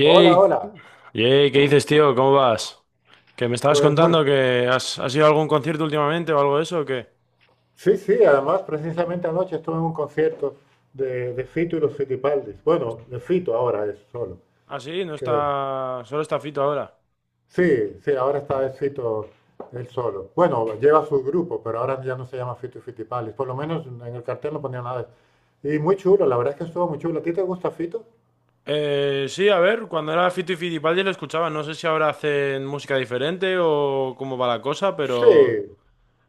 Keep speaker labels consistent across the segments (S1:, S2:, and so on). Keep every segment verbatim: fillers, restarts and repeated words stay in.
S1: Hola, hola.
S2: yey, ¿qué dices, tío? ¿Cómo vas? Que me estabas
S1: Pues muy...
S2: contando que has, has ido a algún concierto últimamente o algo de eso, ¿o qué?
S1: Sí, sí, además precisamente anoche estuve en un concierto de, de Fito y los Fitipaldis. Bueno, de Fito ahora es solo.
S2: Ah, sí, no
S1: Que...
S2: está. Solo está Fito ahora.
S1: Sí, sí, ahora está el Fito él solo. Bueno, lleva su grupo, pero ahora ya no se llama Fito y Fitipaldis. Por lo menos en el cartel no ponía nada. Y muy chulo, la verdad es que estuvo muy chulo. ¿A ti te gusta Fito?
S2: Eh, sí, a ver, cuando era Fito y Fitipaldi lo escuchaba. No sé si ahora hacen música diferente o cómo va la cosa,
S1: Sí,
S2: pero.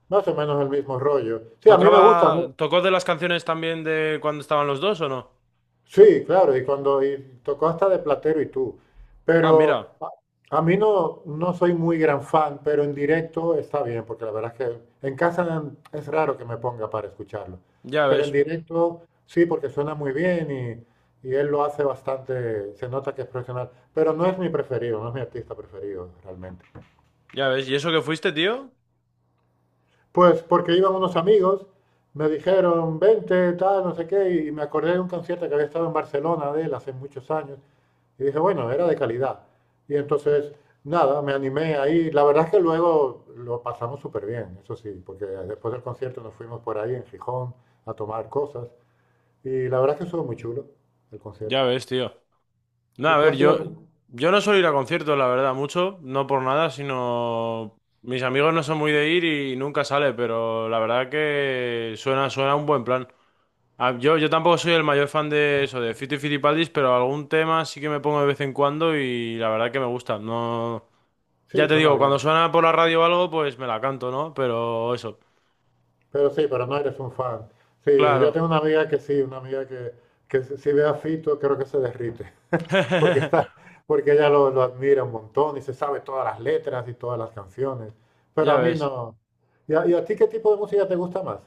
S1: más o menos el mismo rollo. Sí, a mí me gusta, ¿no?
S2: ¿Tocaba. ¿Tocó de las canciones también de cuando estaban los dos o no?
S1: Sí, claro, y cuando y tocó hasta de Platero y tú.
S2: Ah,
S1: Pero
S2: mira,
S1: a, a mí no, no soy muy gran fan, pero en directo está bien, porque la verdad es que en casa es raro que me ponga para escucharlo.
S2: ya
S1: Pero en
S2: ves,
S1: directo sí, porque suena muy bien y, y él lo hace bastante, se nota que es profesional. Pero no es mi preferido, no es mi artista preferido realmente.
S2: ya ves. ¿Y eso que fuiste, tío?
S1: Pues porque iban unos amigos, me dijeron, vente, tal, no sé qué, y me acordé de un concierto que había estado en Barcelona de él hace muchos años. Y dije, bueno, era de calidad. Y entonces, nada, me animé ahí. La verdad es que luego lo pasamos súper bien, eso sí, porque después del concierto nos fuimos por ahí en Gijón a tomar cosas. Y la verdad es que estuvo muy chulo el
S2: Ya
S1: concierto.
S2: ves, tío. No,
S1: ¿Y
S2: a
S1: tú
S2: ver,
S1: has ido a
S2: yo,
S1: algún?
S2: yo no suelo ir a conciertos, la verdad, mucho, no por nada, sino mis amigos no son muy de ir y nunca sale, pero la verdad que suena, suena un buen plan. Ah, Yo, yo tampoco soy el mayor fan de eso, de Fito y Fitipaldis, pero algún tema sí que me pongo de vez en cuando y la verdad que me gusta. No, ya
S1: Sí,
S2: te
S1: suena
S2: digo, cuando
S1: bien.
S2: suena por la radio o algo, pues me la canto, ¿no? Pero eso,
S1: Pero sí, pero no eres un fan. Sí, yo
S2: claro.
S1: tengo una amiga que sí, una amiga que, que si si ve a Fito creo que se derrite. Porque está, Porque ella lo, lo admira un montón y se sabe todas las letras y todas las canciones. Pero
S2: Ya
S1: a mí
S2: ves.
S1: no. ¿Y a, y a ti qué tipo de música te gusta más?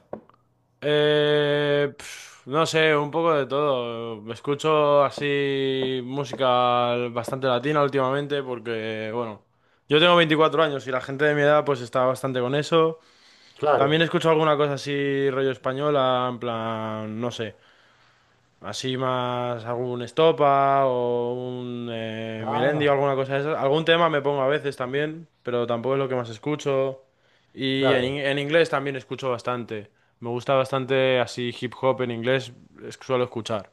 S2: Eh, pf, no sé, un poco de todo. Escucho así música bastante latina últimamente porque, bueno, yo tengo veinticuatro años y la gente de mi edad pues está bastante con eso.
S1: Claro.
S2: También escucho alguna cosa así rollo española, en plan, no sé. Así más algún Estopa o un eh, Melendi o
S1: Ah,
S2: alguna cosa de esas. Algún tema me pongo a veces también, pero tampoco es lo que más escucho. Y en, in-
S1: claro.
S2: en inglés también escucho bastante. Me gusta bastante así hip hop en inglés, es- suelo escuchar.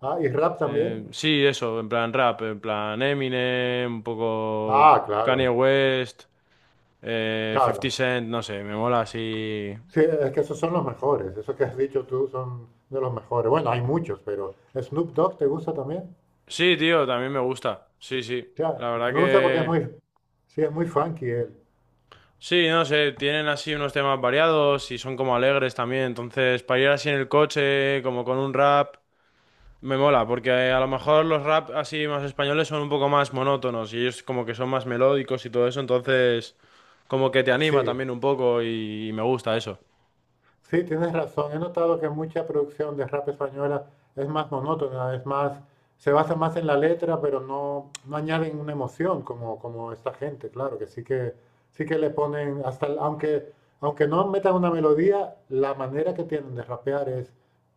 S1: Ah, ¿y rap también?
S2: Eh, sí, eso, en plan rap, en plan Eminem, un poco
S1: Ah,
S2: Kanye
S1: claro,
S2: West, eh, cincuenta
S1: claro.
S2: Cent, no sé, me mola así.
S1: Sí, es que esos son los mejores. Eso que has dicho tú son de los mejores. Bueno, hay muchos, pero ¿Snoop Dogg te gusta también?
S2: Sí, tío, también me gusta. Sí, sí.
S1: Ya,
S2: La verdad
S1: me gusta porque es
S2: que...
S1: muy, sí, es muy funky él.
S2: Sí, no sé, tienen así unos temas variados y son como alegres también, entonces para ir así en el coche, como con un rap, me mola, porque eh, a lo mejor los rap así más españoles son un poco más monótonos y ellos como que son más melódicos y todo eso, entonces como que te anima
S1: Sí,
S2: también un poco y, y me gusta eso.
S1: sí, tienes razón. He notado que mucha producción de rap española es más monótona, es más, se basa más en la letra, pero no, no añaden una emoción como, como esta gente, claro, que sí que, sí que le ponen, hasta, el- aunque, aunque no metan una melodía, la manera que tienen de rapear es,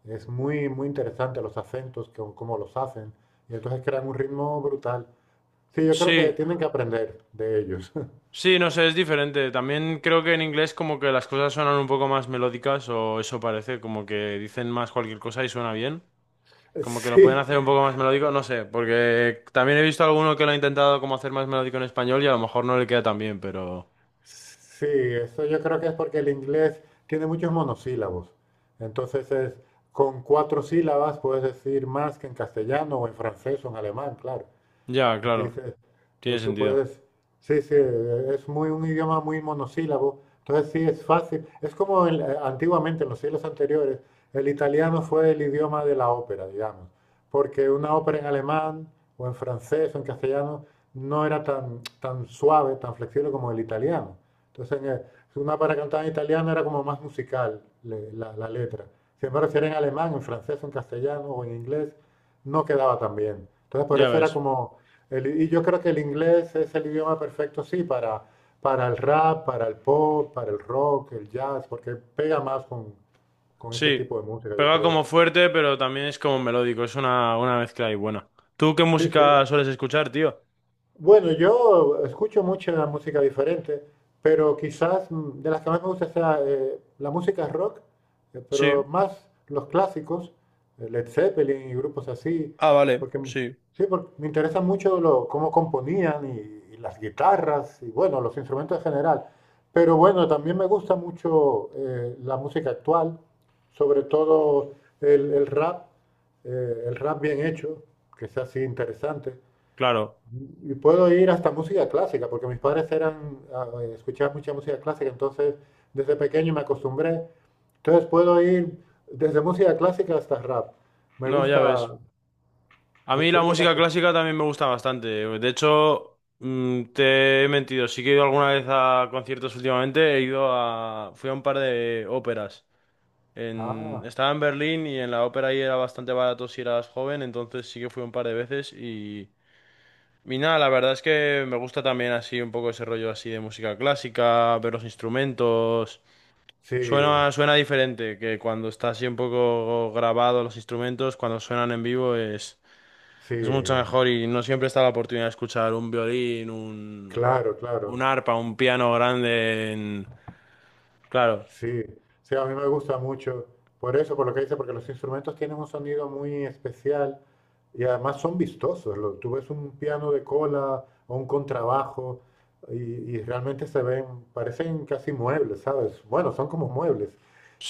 S1: es muy, muy interesante, los acentos, como, como los hacen, y entonces crean un ritmo brutal. Sí, yo creo
S2: Sí,
S1: que tienen que aprender de ellos.
S2: sí, no sé, es diferente. También creo que en inglés como que las cosas suenan un poco más melódicas o eso parece, como que dicen más cualquier cosa y suena bien. Como que lo pueden
S1: Sí,
S2: hacer un poco más melódico, no sé, porque también he visto alguno que lo ha intentado como hacer más melódico en español y a lo mejor no le queda tan bien, pero...
S1: sí, eso yo creo que es porque el inglés tiene muchos monosílabos. Entonces es, con cuatro sílabas puedes decir más que en castellano o en francés o en alemán, claro.
S2: Ya, claro,
S1: Dice,
S2: tiene
S1: tú
S2: sentido.
S1: puedes, sí, sí, eh, es muy un idioma muy monosílabo, entonces sí es fácil. Es como el, eh, antiguamente, en los siglos anteriores, el italiano fue el idioma de la ópera, digamos, porque una ópera en alemán o en francés o en castellano no era tan, tan suave, tan flexible como el italiano. Entonces, en el- una para cantar en italiano era como más musical le- la, la letra. Sin embargo, si era en alemán, en francés, en castellano o en inglés, no quedaba tan bien. Entonces, por
S2: Ya
S1: eso era
S2: ves.
S1: como el- y yo creo que el inglés es el idioma perfecto, sí, para, para el rap, para el pop, para el rock, el jazz, porque pega más con, con ese
S2: Sí,
S1: tipo de música, yo
S2: pega
S1: creo.
S2: como fuerte, pero también es como melódico, es una, una mezcla ahí buena. ¿Tú qué
S1: Sí, sí.
S2: música sueles escuchar, tío?
S1: Bueno, yo escucho mucha música diferente, pero quizás mm, de las que más me gusta sea eh, la música rock, eh, pero
S2: Sí.
S1: más los clásicos, eh, Led Zeppelin y grupos así,
S2: Ah, vale,
S1: porque m-
S2: sí.
S1: sí, porque me interesa mucho lo, cómo componían y, y las guitarras y bueno, los instrumentos en general. Pero bueno, también me gusta mucho eh, la música actual, sobre todo el, el rap, eh, el rap bien hecho, que sea así interesante.
S2: Claro.
S1: Y puedo ir hasta música clásica, porque mis padres eran, ah, eh, escuchaban mucha música clásica, entonces desde pequeño me acostumbré. Entonces puedo ir desde música clásica hasta rap. Me
S2: No, ya ves.
S1: gusta,
S2: A mí la
S1: disfruto
S2: música
S1: casi.
S2: clásica también me gusta bastante. De hecho, mm, te he mentido. Sí que he ido alguna vez a conciertos últimamente. He ido a... Fui a un par de óperas. En...
S1: Ah,
S2: Estaba en Berlín y en la ópera ahí era bastante barato si eras joven. Entonces sí que fui un par de veces y... Y nada, la verdad es que me gusta también así un poco ese rollo así de música clásica, ver los instrumentos.
S1: sí,
S2: Suena, suena diferente que cuando está así un poco grabado los instrumentos, cuando suenan en vivo es...
S1: sí,
S2: Es mucho mejor y no siempre está la oportunidad de escuchar un violín, un,
S1: claro,
S2: un
S1: claro.
S2: arpa, un piano grande en... Claro,
S1: Sí, sí, a mí me gusta mucho. Por eso, por lo que dice, porque los instrumentos tienen un sonido muy especial y además son vistosos. Lo- tú ves un piano de cola o un contrabajo y, y realmente se ven, parecen casi muebles, ¿sabes? Bueno, son como muebles,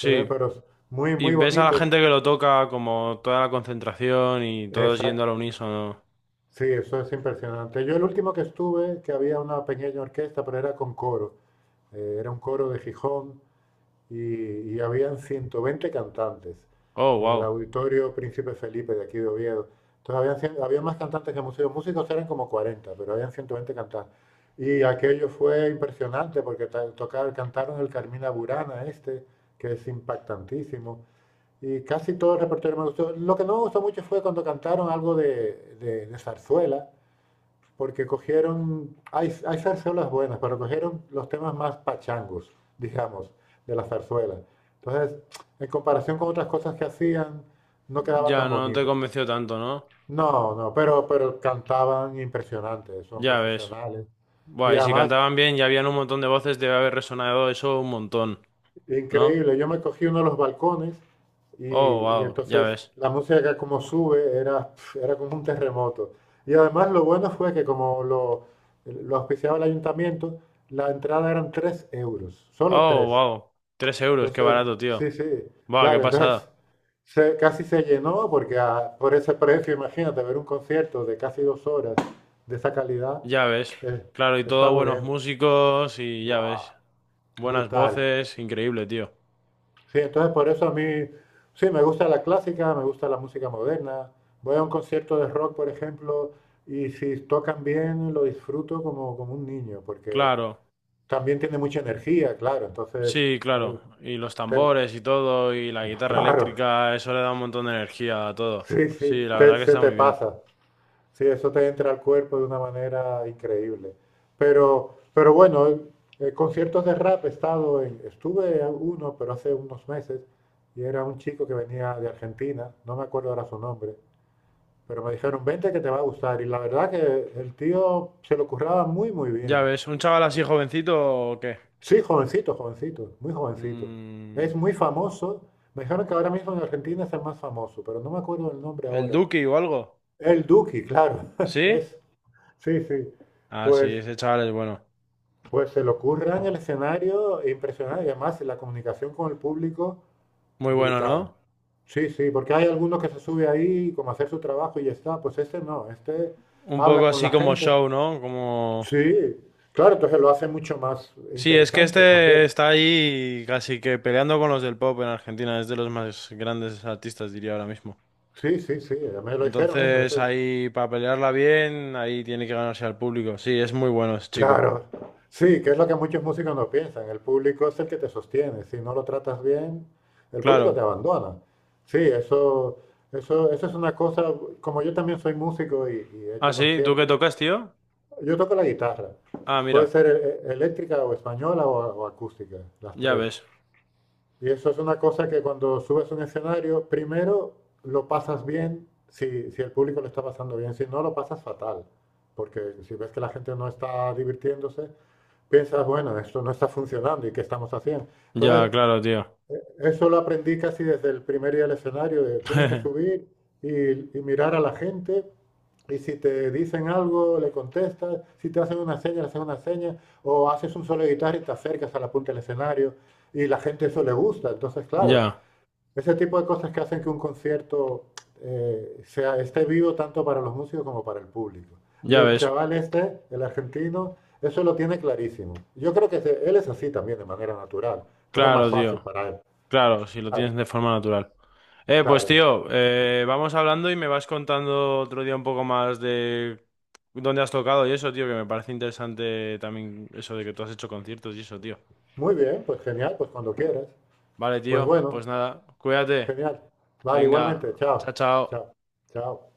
S1: se ven, pero s- muy,
S2: Y
S1: muy
S2: ves a la
S1: bonitos.
S2: gente que lo toca como toda la concentración y todos yendo
S1: Exacto.
S2: al unísono.
S1: Sí, eso es impresionante. Yo el último que estuve, que había una pequeña orquesta, pero era con coro. Eh, era un coro de Gijón y, y habían ciento veinte cantantes
S2: Oh,
S1: en el
S2: wow.
S1: auditorio Príncipe Felipe de aquí de Oviedo. Entonces habían, había más cantantes que músicos. Músicos eran como cuarenta, pero habían ciento veinte cantantes. Y aquello fue impresionante porque ta- tocar, cantaron el Carmina Burana este, que es impactantísimo. Y casi todo el repertorio me gustó. Lo que no me gustó mucho fue cuando cantaron algo de, de- de zarzuela, porque cogieron, hay, hay zarzuelas buenas, pero cogieron los temas más pachangos, digamos, de la zarzuela. Entonces, en comparación con otras cosas que hacían, no quedaba
S2: Ya
S1: tan
S2: no te
S1: bonito.
S2: convenció tanto, ¿no?
S1: No, no, pero, pero cantaban impresionantes, son
S2: Ya ves.
S1: profesionales. Y
S2: Buah, y si
S1: además
S2: cantaban bien y habían un montón de voces, debe haber resonado eso un montón, ¿no?
S1: increíble, yo me cogí uno de los balcones y,
S2: Oh,
S1: y
S2: wow, ya
S1: entonces
S2: ves.
S1: la música como sube era, pf, era como un terremoto. Y además lo bueno fue que como lo, lo auspiciaba el ayuntamiento, la entrada eran tres euros, solo
S2: Oh,
S1: tres.
S2: wow. Tres euros, qué
S1: Entonces,
S2: barato, tío.
S1: sí, sí,
S2: Buah, qué
S1: claro, entonces
S2: pasada.
S1: se- casi se llenó porque a- por ese precio, imagínate, ver un concierto de casi dos horas de esa calidad,
S2: Ya ves.
S1: eh,
S2: Claro, y
S1: está
S2: todos
S1: muy
S2: buenos
S1: bien.
S2: músicos y ya
S1: ¡Guau!
S2: ves. Buenas
S1: Brutal.
S2: voces, increíble, tío.
S1: Sí, entonces por eso a mí, sí, me gusta la clásica, me gusta la música moderna. Voy a un concierto de rock, por ejemplo, y si tocan bien lo disfruto como, como un niño, porque
S2: Claro,
S1: también tiene mucha energía, claro. Entonces,
S2: sí, claro.
S1: eh,
S2: Y los
S1: te-
S2: tambores y todo, y la guitarra
S1: claro,
S2: eléctrica, eso le da un montón de energía a todo.
S1: sí, sí,
S2: Sí, la verdad
S1: te-
S2: que
S1: se
S2: está
S1: te
S2: muy bien.
S1: pasa. Sí, eso te entra al cuerpo de una manera increíble. Pero, pero bueno, eh, eh, conciertos de rap he estado en, estuve a uno, pero hace unos meses, y era un chico que venía de Argentina, no me acuerdo ahora su nombre, pero me dijeron, vente que te va a gustar. Y la verdad que el tío se lo curraba muy, muy
S2: Ya
S1: bien.
S2: ves, ¿un chaval así jovencito o qué?
S1: Sí, jovencito, jovencito, muy jovencito.
S2: Mm,
S1: Es muy famoso. Me dijeron que ahora mismo en Argentina es el más famoso, pero no me acuerdo el nombre
S2: ¿el
S1: ahora.
S2: Duki o algo?
S1: El Duki, claro.
S2: ¿Sí?
S1: Es, sí, sí.
S2: Ah, sí,
S1: Pues
S2: ese chaval es bueno.
S1: Pues se le ocurre en el escenario impresionante y además la comunicación con el público
S2: Muy bueno,
S1: brutal.
S2: ¿no?
S1: Sí, sí, porque hay algunos que se sube ahí como a hacer su trabajo y ya está. Pues este no, este
S2: Un
S1: habla
S2: poco
S1: con
S2: así
S1: la
S2: como
S1: gente.
S2: show, ¿no? Como...
S1: Sí, claro, entonces lo hace mucho más
S2: Sí, es que
S1: interesante el
S2: este
S1: concierto.
S2: está ahí casi que peleando con los del pop en Argentina, es de los más grandes artistas, diría ahora mismo.
S1: Sí, sí, sí, ya me lo dijeron eso,
S2: Entonces,
S1: eso.
S2: ahí para pelearla bien, ahí tiene que ganarse al público. Sí, es muy bueno ese chico.
S1: Claro, sí, que es lo que muchos músicos no piensan. El público es el que te sostiene. Si no lo tratas bien, el público te
S2: Claro.
S1: abandona. Sí, eso, eso, eso es una cosa. Como yo también soy músico y, y he
S2: Ah,
S1: hecho
S2: sí, ¿tú qué
S1: conciertos,
S2: tocas, tío?
S1: yo toco la guitarra.
S2: Ah,
S1: Puede
S2: mira,
S1: ser e- e- eléctrica o española o, o acústica, las
S2: ya
S1: tres.
S2: ves.
S1: Y eso es una cosa que cuando subes a un escenario, primero lo pasas bien si, si el público lo está pasando bien, si no lo pasas fatal, porque si ves que la gente no está divirtiéndose, piensas, bueno, esto no está funcionando y qué estamos haciendo.
S2: Ya,
S1: Entonces,
S2: claro, tío.
S1: eso lo aprendí casi desde el primer día del escenario, de tienes que subir y, y mirar a la gente y si te dicen algo, le contestas, si te hacen una seña, le haces una seña, o haces un solo de guitarra y te acercas a la punta del escenario y la gente eso le gusta. Entonces, claro,
S2: Ya,
S1: ese tipo de cosas que hacen que un concierto eh, sea, esté vivo tanto para los músicos como para el público. Y
S2: ya
S1: el
S2: ves.
S1: chaval este, el argentino, eso lo tiene clarísimo. Yo creo que se- él es así también de manera natural. Entonces es más
S2: Claro,
S1: fácil
S2: tío.
S1: para él.
S2: Claro, si lo
S1: Claro,
S2: tienes de forma natural. Eh, pues
S1: claro.
S2: tío, eh, vamos hablando y me vas contando otro día un poco más de dónde has tocado y eso, tío, que me parece interesante también eso de que tú has hecho conciertos y eso, tío.
S1: Muy bien, pues genial, pues cuando quieras.
S2: Vale,
S1: Pues
S2: tío,
S1: bueno,
S2: pues nada, cuídate.
S1: genial. Vale,
S2: Venga,
S1: igualmente.
S2: chao,
S1: Chao,
S2: chao.
S1: chao, chao.